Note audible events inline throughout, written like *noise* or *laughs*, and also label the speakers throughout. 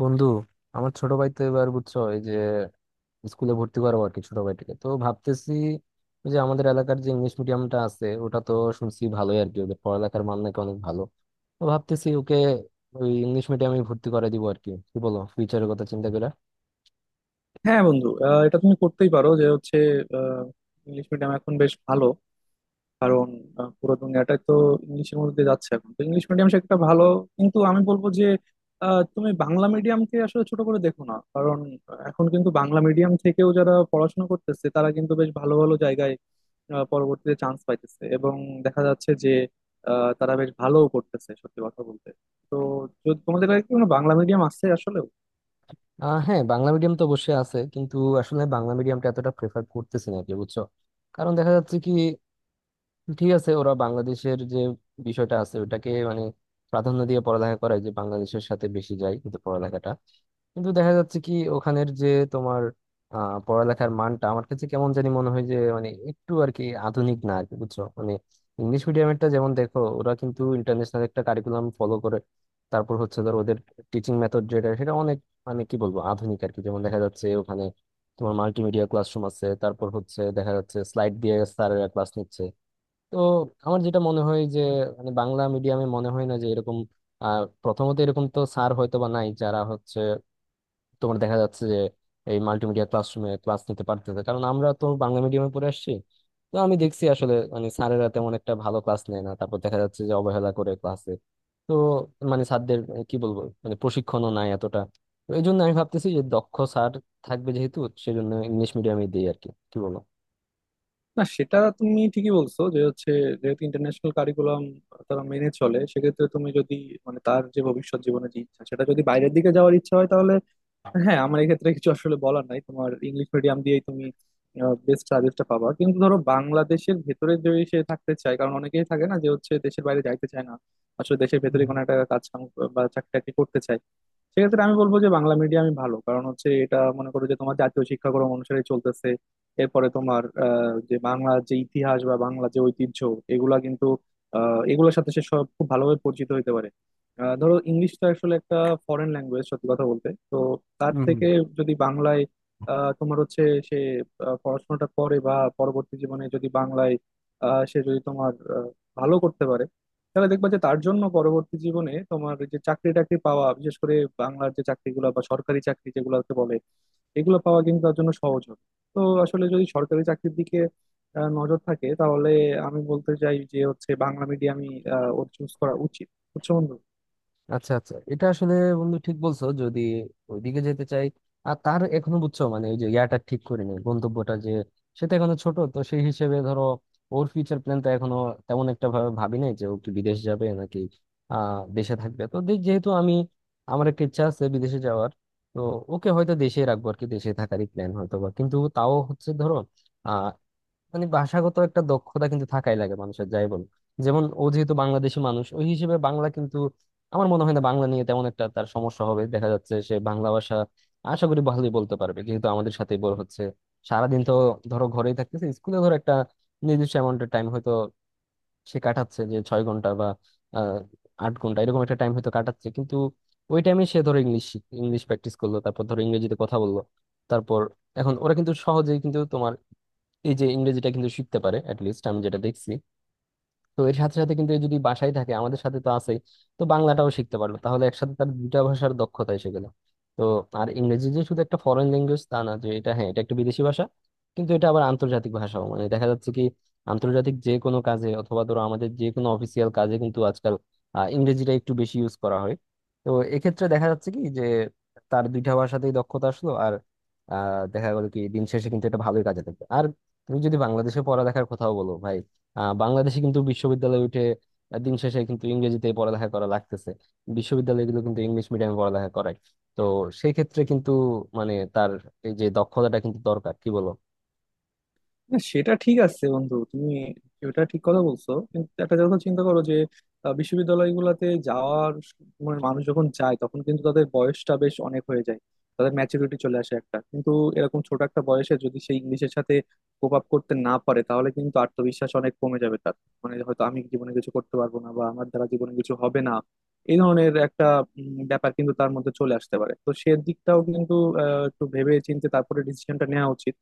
Speaker 1: বন্ধু আমার ছোট ভাই তো এবার বুঝছো, এই যে স্কুলে ভর্তি করাবো আর কি ছোট ভাইটাকে। তো ভাবতেছি ওই যে আমাদের এলাকার যে ইংলিশ মিডিয়ামটা আছে ওটা তো শুনছি ভালোই আর কি, ওদের পড়ালেখার মান নাকি অনেক ভালো। তো ভাবতেছি ওকে ওই ইংলিশ মিডিয়ামে ভর্তি করে দিব আর কি, কি বলো, ফিউচারের কথা চিন্তা করে।
Speaker 2: হ্যাঁ বন্ধু, এটা তুমি করতেই পারো। যে হচ্ছে ইংলিশ মিডিয়াম এখন বেশ ভালো, কারণ পুরো দুনিয়াটাই তো ইংলিশের মধ্যে দিয়ে যাচ্ছে। এখন তো ইংলিশ মিডিয়াম সেটা ভালো, কিন্তু আমি বলবো যে তুমি বাংলা মিডিয়ামকে আসলে ছোট করে দেখো না। কারণ এখন কিন্তু বাংলা মিডিয়াম থেকেও যারা পড়াশোনা করতেছে, তারা কিন্তু বেশ ভালো ভালো জায়গায় পরবর্তীতে চান্স পাইতেছে, এবং দেখা যাচ্ছে যে তারা বেশ ভালোও করতেছে সত্যি কথা বলতে। তো যদি তোমাদের কাছে কি কোনো বাংলা মিডিয়াম আছে আসলে।
Speaker 1: হ্যাঁ, বাংলা মিডিয়াম তো অবশ্যই আছে কিন্তু আসলে বাংলা মিডিয়ামটা এতটা প্রেফার করতেছি না আর কি, বুঝছো। কারণ দেখা যাচ্ছে কি, ঠিক আছে, ওরা বাংলাদেশের যে বিষয়টা আছে ওটাকে মানে প্রাধান্য দিয়ে পড়ালেখা করায়, যে বাংলাদেশের সাথে বেশি যায় কিন্তু পড়ালেখাটা, কিন্তু দেখা যাচ্ছে কি ওখানের যে তোমার পড়ালেখার মানটা আমার কাছে কেমন জানি মনে হয় যে মানে একটু আর কি আধুনিক না আর কি, বুঝছো মানে। ইংলিশ মিডিয়ামেরটা যেমন দেখো, ওরা কিন্তু ইন্টারন্যাশনাল একটা কারিকুলাম ফলো করে। তারপর হচ্ছে ধর ওদের টিচিং মেথড যেটা, সেটা অনেক মানে কি বলবো আধুনিক আর কি। যেমন দেখা যাচ্ছে ওখানে তোমার মাল্টিমিডিয়া ক্লাসরুম আছে, তারপর হচ্ছে দেখা যাচ্ছে স্লাইড দিয়ে স্যারেরা ক্লাস নিচ্ছে। তো আমার যেটা মনে হয় যে, মানে বাংলা মিডিয়ামে মনে হয় না যে এরকম, প্রথমত এরকম তো স্যার হয়তো বা নাই যারা হচ্ছে তোমার দেখা যাচ্ছে যে এই মাল্টিমিডিয়া ক্লাসরুমে ক্লাস নিতে পারতেছে, কারণ আমরা তো বাংলা মিডিয়ামে পড়ে আসছি। তো আমি দেখছি আসলে, মানে স্যারেরা তেমন একটা ভালো ক্লাস নেয় না, তারপর দেখা যাচ্ছে যে অবহেলা করে ক্লাসে। তো মানে স্যারদের কি বলবো, মানে প্রশিক্ষণও নাই এতটা। তো এই জন্য আমি ভাবতেছি যে দক্ষ স্যার থাকবে যেহেতু, সেজন্য ইংলিশ মিডিয়ামে দিই আর কি, কি
Speaker 2: না, সেটা তুমি ঠিকই বলছো। যে হচ্ছে যেহেতু ইন্টারন্যাশনাল কারিকুলাম তারা মেনে চলে, সেক্ষেত্রে তুমি যদি মানে তার যে ভবিষ্যৎ জীবনে যে ইচ্ছা, সেটা যদি বাইরের দিকে যাওয়ার ইচ্ছা হয় তাহলে হ্যাঁ, আমার এক্ষেত্রে কিছু আসলে বলার নাই। তোমার ইংলিশ মিডিয়াম দিয়েই তুমি বেস্ট সার্ভিসটা পাবা। কিন্তু ধরো, বাংলাদেশের ভেতরে যদি সে থাকতে চায়, কারণ অনেকেই থাকে না যে হচ্ছে দেশের বাইরে যাইতে চায় না, আসলে দেশের ভেতরে
Speaker 1: বলো।
Speaker 2: কোনো একটা কাজ কাম বা চাকরি টাকরি করতে চায়, সেক্ষেত্রে আমি বলবো যে বাংলা মিডিয়ামই ভালো। কারণ হচ্ছে এটা মনে করো যে তোমার জাতীয় শিক্ষাক্রম অনুসারে চলতেছে। এরপরে তোমার যে বাংলা যে ইতিহাস বা বাংলা যে ঐতিহ্য এগুলা কিন্তু এগুলোর সাথে সে সব খুব ভালোভাবে পরিচিত হতে পারে। ধরো, ইংলিশ তো আসলে একটা ফরেন ল্যাঙ্গুয়েজ সত্যি কথা বলতে তো। তার থেকে যদি বাংলায় তোমার হচ্ছে সে পড়াশোনাটা করে বা পরবর্তী জীবনে যদি বাংলায় সে যদি তোমার ভালো করতে পারে, তাহলে দেখবা যে তার জন্য পরবর্তী জীবনে তোমার যে চাকরি টাকরি পাওয়া, বিশেষ করে বাংলার যে চাকরিগুলো বা সরকারি চাকরি যেগুলোকে বলে, এগুলো পাওয়া কিন্তু তার জন্য সহজ হবে। তো আসলে যদি সরকারি চাকরির দিকে নজর থাকে, তাহলে আমি বলতে চাই যে হচ্ছে বাংলা মিডিয়ামই ওর চুজ করা উচিত। বুঝছো বন্ধু?
Speaker 1: আচ্ছা আচ্ছা, এটা আসলে বন্ধু ঠিক বলছো, যদি ওইদিকে যেতে চাই। আর তার এখনো বুঝছো মানে ওই যে ইয়াটা ঠিক করি নাই গন্তব্যটা, যে সেটা এখনো ছোট, তো সেই হিসেবে ধরো ওর ফিউচার প্ল্যানটা এখনো তেমন একটা ভাবে ভাবি নাই যে ও কি বিদেশ যাবে নাকি দেশে থাকবে। তো যেহেতু আমি, আমার একটা ইচ্ছা আছে বিদেশে যাওয়ার, তো ওকে হয়তো দেশেই রাখবো আর কি, দেশে থাকারই প্ল্যান হয়তো বা। কিন্তু তাও হচ্ছে ধরো মানে ভাষাগত একটা দক্ষতা কিন্তু থাকাই লাগে মানুষের যাই বল। যেমন ও যেহেতু বাংলাদেশি মানুষ, ওই হিসেবে বাংলা কিন্তু আমার মনে হয় না বাংলা নিয়ে তেমন একটা তার সমস্যা হবে, দেখা যাচ্ছে সে বাংলা ভাষা আশা করি ভালোই বলতে পারবে যেহেতু আমাদের সাথে বড় হচ্ছে। সারাদিন তো ধরো ঘরেই থাকতেছে, স্কুলে ধরো একটা নির্দিষ্ট অ্যামাউন্টের টাইম হয়তো সে কাটাচ্ছে, যে 6 ঘন্টা বা আহ 8 ঘন্টা এরকম একটা টাইম হয়তো কাটাচ্ছে। কিন্তু ওই টাইমে সে ধরো ইংলিশ ইংলিশ প্র্যাকটিস করলো, তারপর ধরো ইংরেজিতে কথা বললো। তারপর এখন ওরা কিন্তু সহজেই কিন্তু তোমার এই যে ইংরেজিটা কিন্তু শিখতে পারে অ্যাট লিস্ট, আমি যেটা দেখছি। তো এর সাথে সাথে কিন্তু এই যদি বাসায় থাকে, আমাদের সাথে তো আছেই, তো বাংলাটাও শিখতে পারলো, তাহলে একসাথে তার 2টা ভাষার দক্ষতা এসে গেল। তো আর ইংরেজি যে শুধু একটা ফরেন ল্যাঙ্গুয়েজ তা না, যে এটা হ্যাঁ এটা একটা বিদেশি ভাষা কিন্তু এটা আবার আন্তর্জাতিক ভাষাও। মানে দেখা যাচ্ছে কি আন্তর্জাতিক যে কোনো কাজে অথবা ধরো আমাদের যে কোনো অফিসিয়াল কাজে কিন্তু আজকাল ইংরেজিটা একটু বেশি ইউজ করা হয়। তো এক্ষেত্রে দেখা যাচ্ছে কি যে তার 2টা ভাষাতেই দক্ষতা আসলো, আর দেখা গেল কি দিন শেষে কিন্তু এটা ভালোই কাজে দেবে। আর তুমি যদি বাংলাদেশে পড়ালেখার কথাও বলো ভাই, বাংলাদেশে কিন্তু বিশ্ববিদ্যালয়ে উঠে দিন শেষে কিন্তু ইংরেজিতে পড়ালেখা করা লাগতেছে। বিশ্ববিদ্যালয়গুলো কিন্তু ইংলিশ মিডিয়ামে পড়ালেখা করায়। তো সেই ক্ষেত্রে কিন্তু মানে তার এই যে দক্ষতাটা কিন্তু দরকার, কি বলো।
Speaker 2: না, সেটা ঠিক আছে বন্ধু। তুমি ওটা ঠিক কথা বলছো, কিন্তু একটা কথা চিন্তা করো যে বিশ্ববিদ্যালয়গুলোতে যাওয়ার মানে মানুষ যখন যায়, তখন কিন্তু তাদের বয়সটা বেশ অনেক হয়ে যায়, তাদের ম্যাচুরিটি চলে আসে একটা। কিন্তু এরকম ছোট একটা বয়সে যদি সেই ইংলিশের সাথে কোপ আপ করতে না পারে, তাহলে কিন্তু আত্মবিশ্বাস অনেক কমে যাবে তার। মানে হয়তো আমি জীবনে কিছু করতে পারবো না বা আমার দ্বারা জীবনে কিছু হবে না, এই ধরনের একটা ব্যাপার কিন্তু তার মধ্যে চলে আসতে পারে। তো সে দিকটাও কিন্তু একটু ভেবে চিন্তে তারপরে ডিসিশনটা নেওয়া উচিত।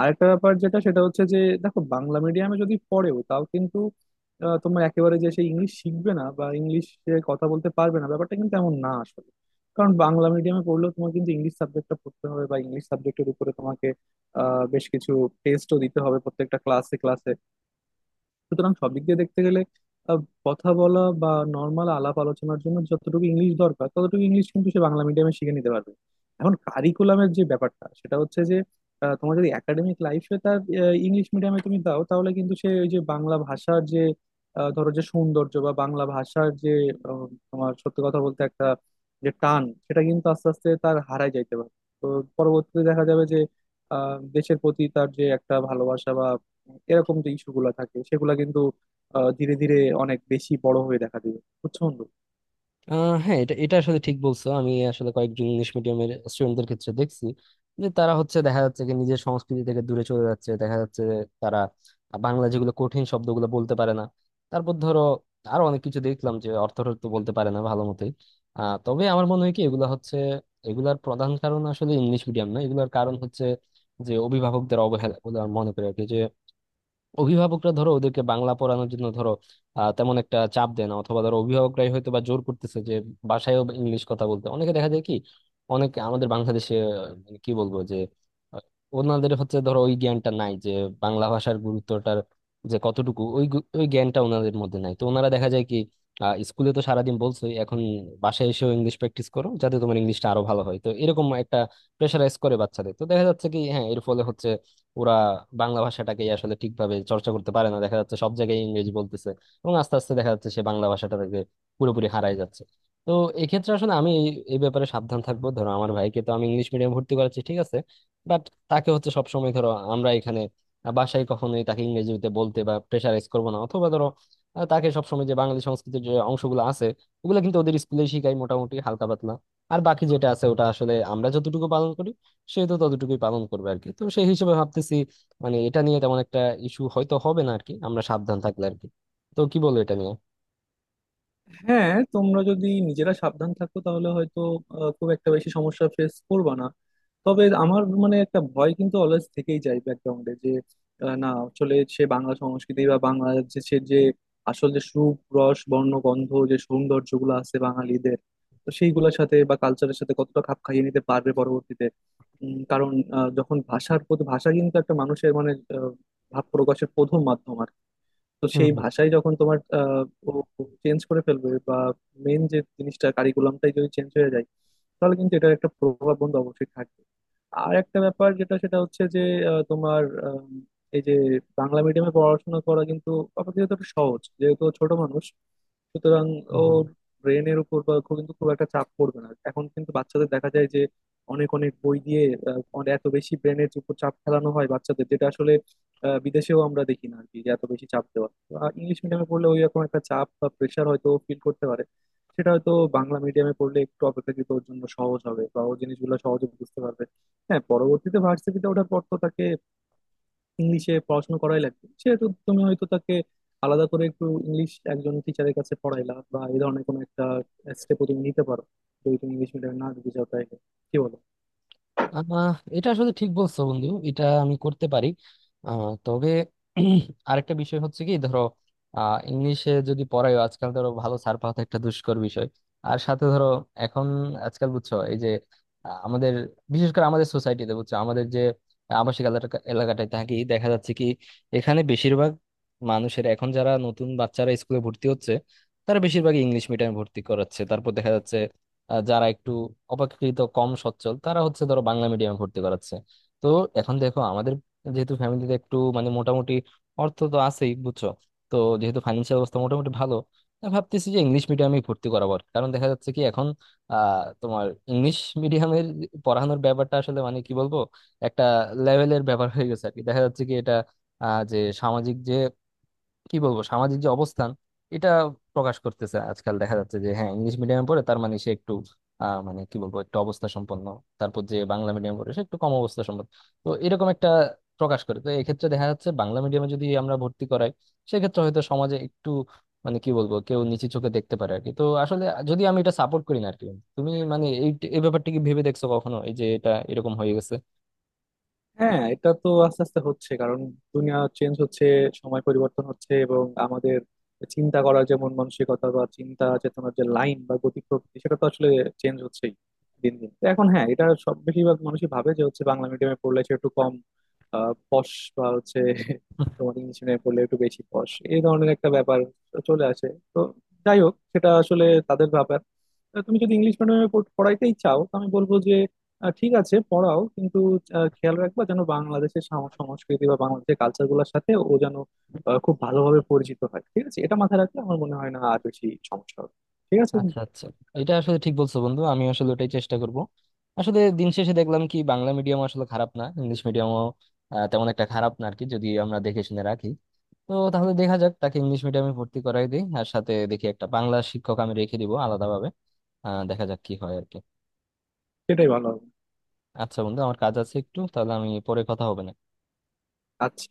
Speaker 2: আরেকটা ব্যাপার যেটা, সেটা হচ্ছে যে দেখো, বাংলা মিডিয়ামে যদি পড়েও তাও কিন্তু তোমার একেবারে যে সে ইংলিশ শিখবে না বা ইংলিশে কথা বলতে পারবে না, ব্যাপারটা কিন্তু এমন না আসলে। কারণ বাংলা মিডিয়ামে পড়লেও তোমার কিন্তু ইংলিশ সাবজেক্টটা পড়তে হবে, বা ইংলিশ সাবজেক্টের উপরে তোমাকে বেশ কিছু টেস্টও দিতে হবে প্রত্যেকটা ক্লাসে ক্লাসে। সুতরাং সব দিক দিয়ে দেখতে গেলে আহ, কথা বলা বা নর্মাল আলাপ আলোচনার জন্য যতটুকু ইংলিশ দরকার, ততটুকু ইংলিশ কিন্তু সে বাংলা মিডিয়ামে শিখে নিতে পারবে। এখন কারিকুলামের যে ব্যাপারটা, সেটা হচ্ছে যে তোমার যদি একাডেমিক লাইফে তার ইংলিশ মিডিয়ামে তুমি দাও, তাহলে কিন্তু সে ওই যে বাংলা ভাষার যে ধরো যে সৌন্দর্য বা বাংলা ভাষার যে আহ, তোমার সত্যি কথা বলতে একটা যে টান, সেটা কিন্তু আস্তে আস্তে তার হারায় যাইতে পারে। তো পরবর্তীতে দেখা যাবে যে দেশের প্রতি তার যে একটা ভালোবাসা বা এরকম যে ইস্যু গুলা থাকে, সেগুলা কিন্তু ধীরে ধীরে অনেক বেশি বড় হয়ে দেখা দিবে। বুঝছো বন্ধু?
Speaker 1: হ্যাঁ, এটা এটা আসলে ঠিক বলছো। আমি আসলে কয়েকজন ইংলিশ মিডিয়ামের স্টুডেন্টদের ক্ষেত্রে দেখছি যে তারা হচ্ছে দেখা যাচ্ছে যে নিজের সংস্কৃতি থেকে দূরে চলে যাচ্ছে, দেখা যাচ্ছে যে তারা বাংলা যেগুলো কঠিন শব্দগুলো বলতে পারে না। তারপর ধরো আরো অনেক কিছু দেখলাম যে অর্থ তো বলতে পারে না ভালো মতোই। তবে আমার মনে হয় কি এগুলো হচ্ছে, এগুলার প্রধান কারণ আসলে ইংলিশ মিডিয়াম না, এগুলোর কারণ হচ্ছে যে অভিভাবকদের অবহেলা বলে আমার মনে করি আর কি। যে অভিভাবকরা ধরো ওদেরকে বাংলা পড়ানোর জন্য ধরো তেমন একটা চাপ দেয় না, অথবা ধরো অভিভাবকরাই হয়তো বা জোর করতেছে যে বাসায়ও ইংলিশ কথা বলতে। অনেকে দেখা যায় কি অনেকে আমাদের বাংলাদেশে মানে কি বলবো যে আহ, ওনাদের হচ্ছে ধরো ওই জ্ঞানটা নাই যে বাংলা ভাষার গুরুত্বটার যে কতটুকু, ওই ওই জ্ঞানটা ওনাদের মধ্যে নাই, তো ওনারা দেখা যায় কি স্কুলে তো সারাদিন বলছোই, এখন বাসায় এসেও ইংলিশ প্র্যাকটিস করো যাতে তোমার ইংলিশটা আরো ভালো হয়। তো এরকম একটা প্রেশারাইজ করে বাচ্চাদের, তো দেখা যাচ্ছে কি হ্যাঁ এর ফলে হচ্ছে ওরা বাংলা ভাষাটাকে আসলে ঠিকভাবে চর্চা করতে পারে না, দেখা যাচ্ছে সব জায়গায় ইংরেজি বলতেছে। এবং আস্তে আস্তে দেখা যাচ্ছে সে বাংলা ভাষাটাকে পুরোপুরি হারায় যাচ্ছে। তো এক্ষেত্রে আসলে আমি এই এই ব্যাপারে সাবধান থাকবো। ধরো আমার ভাইকে তো আমি ইংলিশ মিডিয়াম ভর্তি করাচ্ছি ঠিক আছে, বাট তাকে হচ্ছে সবসময় ধরো আমরা এখানে বাসায় কখনোই তাকে ইংরেজিতে বলতে বা প্রেশারাইজ করবো না। অথবা ধরো তাকে সবসময় যে বাঙালি সংস্কৃতির যে অংশগুলো আছে, ওগুলো কিন্তু ওদের স্কুলে শিখাই মোটামুটি হালকা পাতলা। আর বাকি যেটা আছে ওটা আসলে আমরা যতটুকু পালন করি সে তো ততটুকুই পালন করবে আর কি। তো সেই হিসেবে ভাবতেছি মানে এটা নিয়ে তেমন একটা ইস্যু হয়তো হবে না আর কি, আমরা সাবধান থাকলে আর কি। তো কি বলো এটা নিয়ে।
Speaker 2: হ্যাঁ, তোমরা যদি নিজেরা সাবধান থাকো, তাহলে হয়তো খুব একটা বেশি সমস্যা ফেস করবে না। তবে আমার মানে একটা ভয় কিন্তু অলওয়েজ থেকেই যায় ব্যাকগ্রাউন্ডে যে না, আসলে সে বাংলা সংস্কৃতি বা বাংলা যে সে যে আসল যে সুপ রস বর্ণ গন্ধ যে সৌন্দর্যগুলো আছে বাঙালিদের, তো সেইগুলোর সাথে বা কালচারের সাথে কতটা খাপ খাইয়ে নিতে পারবে পরবর্তীতে। কারণ যখন ভাষার প্রতি ভাষা কিন্তু একটা মানুষের মানে আহ, ভাব প্রকাশের প্রথম মাধ্যম। তো
Speaker 1: হুম
Speaker 2: সেই
Speaker 1: হুম।
Speaker 2: ভাষাই যখন তোমার ও চেঞ্জ করে ফেলবে বা মেন যে জিনিসটা কারিকুলামটাই যদি চেঞ্জ হয়ে যায়, তাহলে কিন্তু এটার একটা প্রভাব বন্ধু অবশ্যই থাকবে। আর একটা ব্যাপার যেটা, সেটা হচ্ছে যে তোমার আম, এই যে বাংলা মিডিয়ামে পড়াশোনা করা কিন্তু আপাতত একটু সহজ, যেহেতু ও ছোট মানুষ। সুতরাং
Speaker 1: হুম হুম।
Speaker 2: ওর ব্রেনের উপর বা খুব কিন্তু খুব একটা চাপ পড়বে না। এখন কিন্তু বাচ্চাদের দেখা যায় যে অনেক অনেক বই দিয়ে এত বেশি ব্রেনের উপর চাপ ফেলানো হয় বাচ্চাদের, যেটা আসলে বিদেশেও আমরা দেখি না আর কি, যে এত বেশি চাপ দেওয়া। ইংলিশ মিডিয়ামে পড়লে ওই রকম একটা চাপ বা প্রেশার হয়তো ফিল করতে পারে। সেটা হয়তো বাংলা মিডিয়ামে পড়লে একটু অপেক্ষাকৃত ওর জন্য সহজ হবে, বা ও জিনিসগুলো সহজে বুঝতে পারবে। হ্যাঁ, পরবর্তীতে ভার্সিটিতে ওঠার পর তো তাকে ইংলিশে পড়াশোনা করাই লাগবে, সেহেতু তুমি হয়তো তাকে আলাদা করে একটু ইংলিশ একজন টিচারের কাছে পড়াইলা, বা এই ধরনের কোনো একটা স্টেপও তুমি নিতে পারো যদি তুমি ইংলিশ মিডিয়ামে না দিতে চাও তাইলে। কি বলো?
Speaker 1: এটা আসলে ঠিক বলছো বন্ধু, এটা আমি করতে পারি। তবে *clears throat* আরেকটা বিষয় হচ্ছে কি ধরো ইংলিশে যদি পড়ায় আজকাল, ধরো ভালো ছাড় পাওয়া তো একটা দুষ্কর বিষয়। আর সাথে ধরো এখন আজকাল বুঝছো এই যে আমাদের বিশেষ করে আমাদের সোসাইটিতে, বুঝছো আমাদের যে আবাসিক এলাকাটায় থাকি, দেখা যাচ্ছে কি এখানে বেশিরভাগ মানুষের, এখন যারা নতুন বাচ্চারা স্কুলে ভর্তি হচ্ছে তারা বেশিরভাগ ইংলিশ মিডিয়ামে ভর্তি করাচ্ছে। তারপর দেখা যাচ্ছে যারা একটু অপেক্ষাকৃত কম সচ্ছল তারা হচ্ছে ধরো বাংলা মিডিয়ামে ভর্তি করাচ্ছে। তো এখন দেখো আমাদের যেহেতু ফ্যামিলিতে একটু মানে মোটামুটি অর্থ তো আছেই বুঝছো, তো যেহেতু ফাইন্যান্সিয়াল অবস্থা মোটামুটি ভালো, আমি ভাবতেছি যে ইংলিশ মিডিয়ামে ভর্তি করাবো আর কি। কারণ দেখা যাচ্ছে কি এখন তোমার ইংলিশ মিডিয়ামের পড়ানোর ব্যাপারটা আসলে মানে কি বলবো একটা লেভেলের ব্যাপার হয়ে গেছে আর কি। দেখা যাচ্ছে কি এটা যে সামাজিক যে কি বলবো সামাজিক যে অবস্থান এটা প্রকাশ করতেছে আজকাল। দেখা যাচ্ছে যে হ্যাঁ ইংলিশ মিডিয়ামে পড়ে তার মানে সে একটু মানে কি বলবো একটু অবস্থা সম্পন্ন, তারপর যে বাংলা মিডিয়ামে পড়ে সে একটু কম অবস্থা সম্পন্ন। তো এরকম একটা প্রকাশ করে, তো এক্ষেত্রে দেখা যাচ্ছে বাংলা মিডিয়ামে যদি আমরা ভর্তি করাই সেক্ষেত্রে হয়তো সমাজে একটু মানে কি বলবো কেউ নিচু চোখে দেখতে পারে আর কি। তো আসলে যদি আমি এটা সাপোর্ট করি না আর কি, তুমি মানে এই এই ব্যাপারটা কি ভেবে দেখছো কখনো এই যে এটা এরকম হয়ে গেছে?
Speaker 2: হ্যাঁ, এটা তো আস্তে আস্তে হচ্ছে। কারণ দুনিয়া চেঞ্জ হচ্ছে, সময় পরিবর্তন হচ্ছে, এবং আমাদের চিন্তা করার যে মন মানসিকতা বা চিন্তা চেতনার যে লাইন বা গতি প্রকৃতি, সেটা তো আসলে চেঞ্জ হচ্ছেই দিন দিন। তো এখন হ্যাঁ, এটা সব বেশিরভাগ মানুষই ভাবে যে হচ্ছে বাংলা মিডিয়ামে পড়লে সে একটু কম পশ বা হচ্ছে *laughs* তোমার ইংলিশ মিডিয়ামে পড়লে একটু বেশি পশ, এই ধরনের একটা ব্যাপার চলে আসে। তো যাই হোক, সেটা আসলে তাদের ব্যাপার। তো তুমি যদি ইংলিশ মিডিয়ামে পড়াইতেই চাও, তো আমি বলবো ঠিক আছে, পড়াও। কিন্তু খেয়াল রাখবা যেন বাংলাদেশের সংস্কৃতি বা বাংলাদেশের কালচার গুলোর সাথে ও যেন খুব ভালোভাবে পরিচিত হয়। ঠিক আছে? এটা মাথায় রাখলে আমার মনে হয় না আর বেশি সমস্যা হবে। ঠিক আছে
Speaker 1: আচ্ছা
Speaker 2: বন্ধু?
Speaker 1: আচ্ছা, এটা আসলে ঠিক বলছো বন্ধু, আমি আসলে ওটাই চেষ্টা করব। আসলে দিন শেষে দেখলাম কি বাংলা মিডিয়াম আসলে খারাপ না, ইংলিশ মিডিয়ামও তেমন একটা খারাপ না আর কি, যদি আমরা দেখে শুনে রাখি। তো তাহলে দেখা যাক, তাকে ইংলিশ মিডিয়ামে ভর্তি করাই দিই, আর সাথে দেখি একটা বাংলা শিক্ষক আমি রেখে দিব আলাদাভাবে। দেখা যাক কি হয় আর কি।
Speaker 2: সেটাই ভালো হবে।
Speaker 1: আচ্ছা বন্ধু, আমার কাজ আছে একটু, তাহলে আমি পরে কথা হবে না।
Speaker 2: আচ্ছা।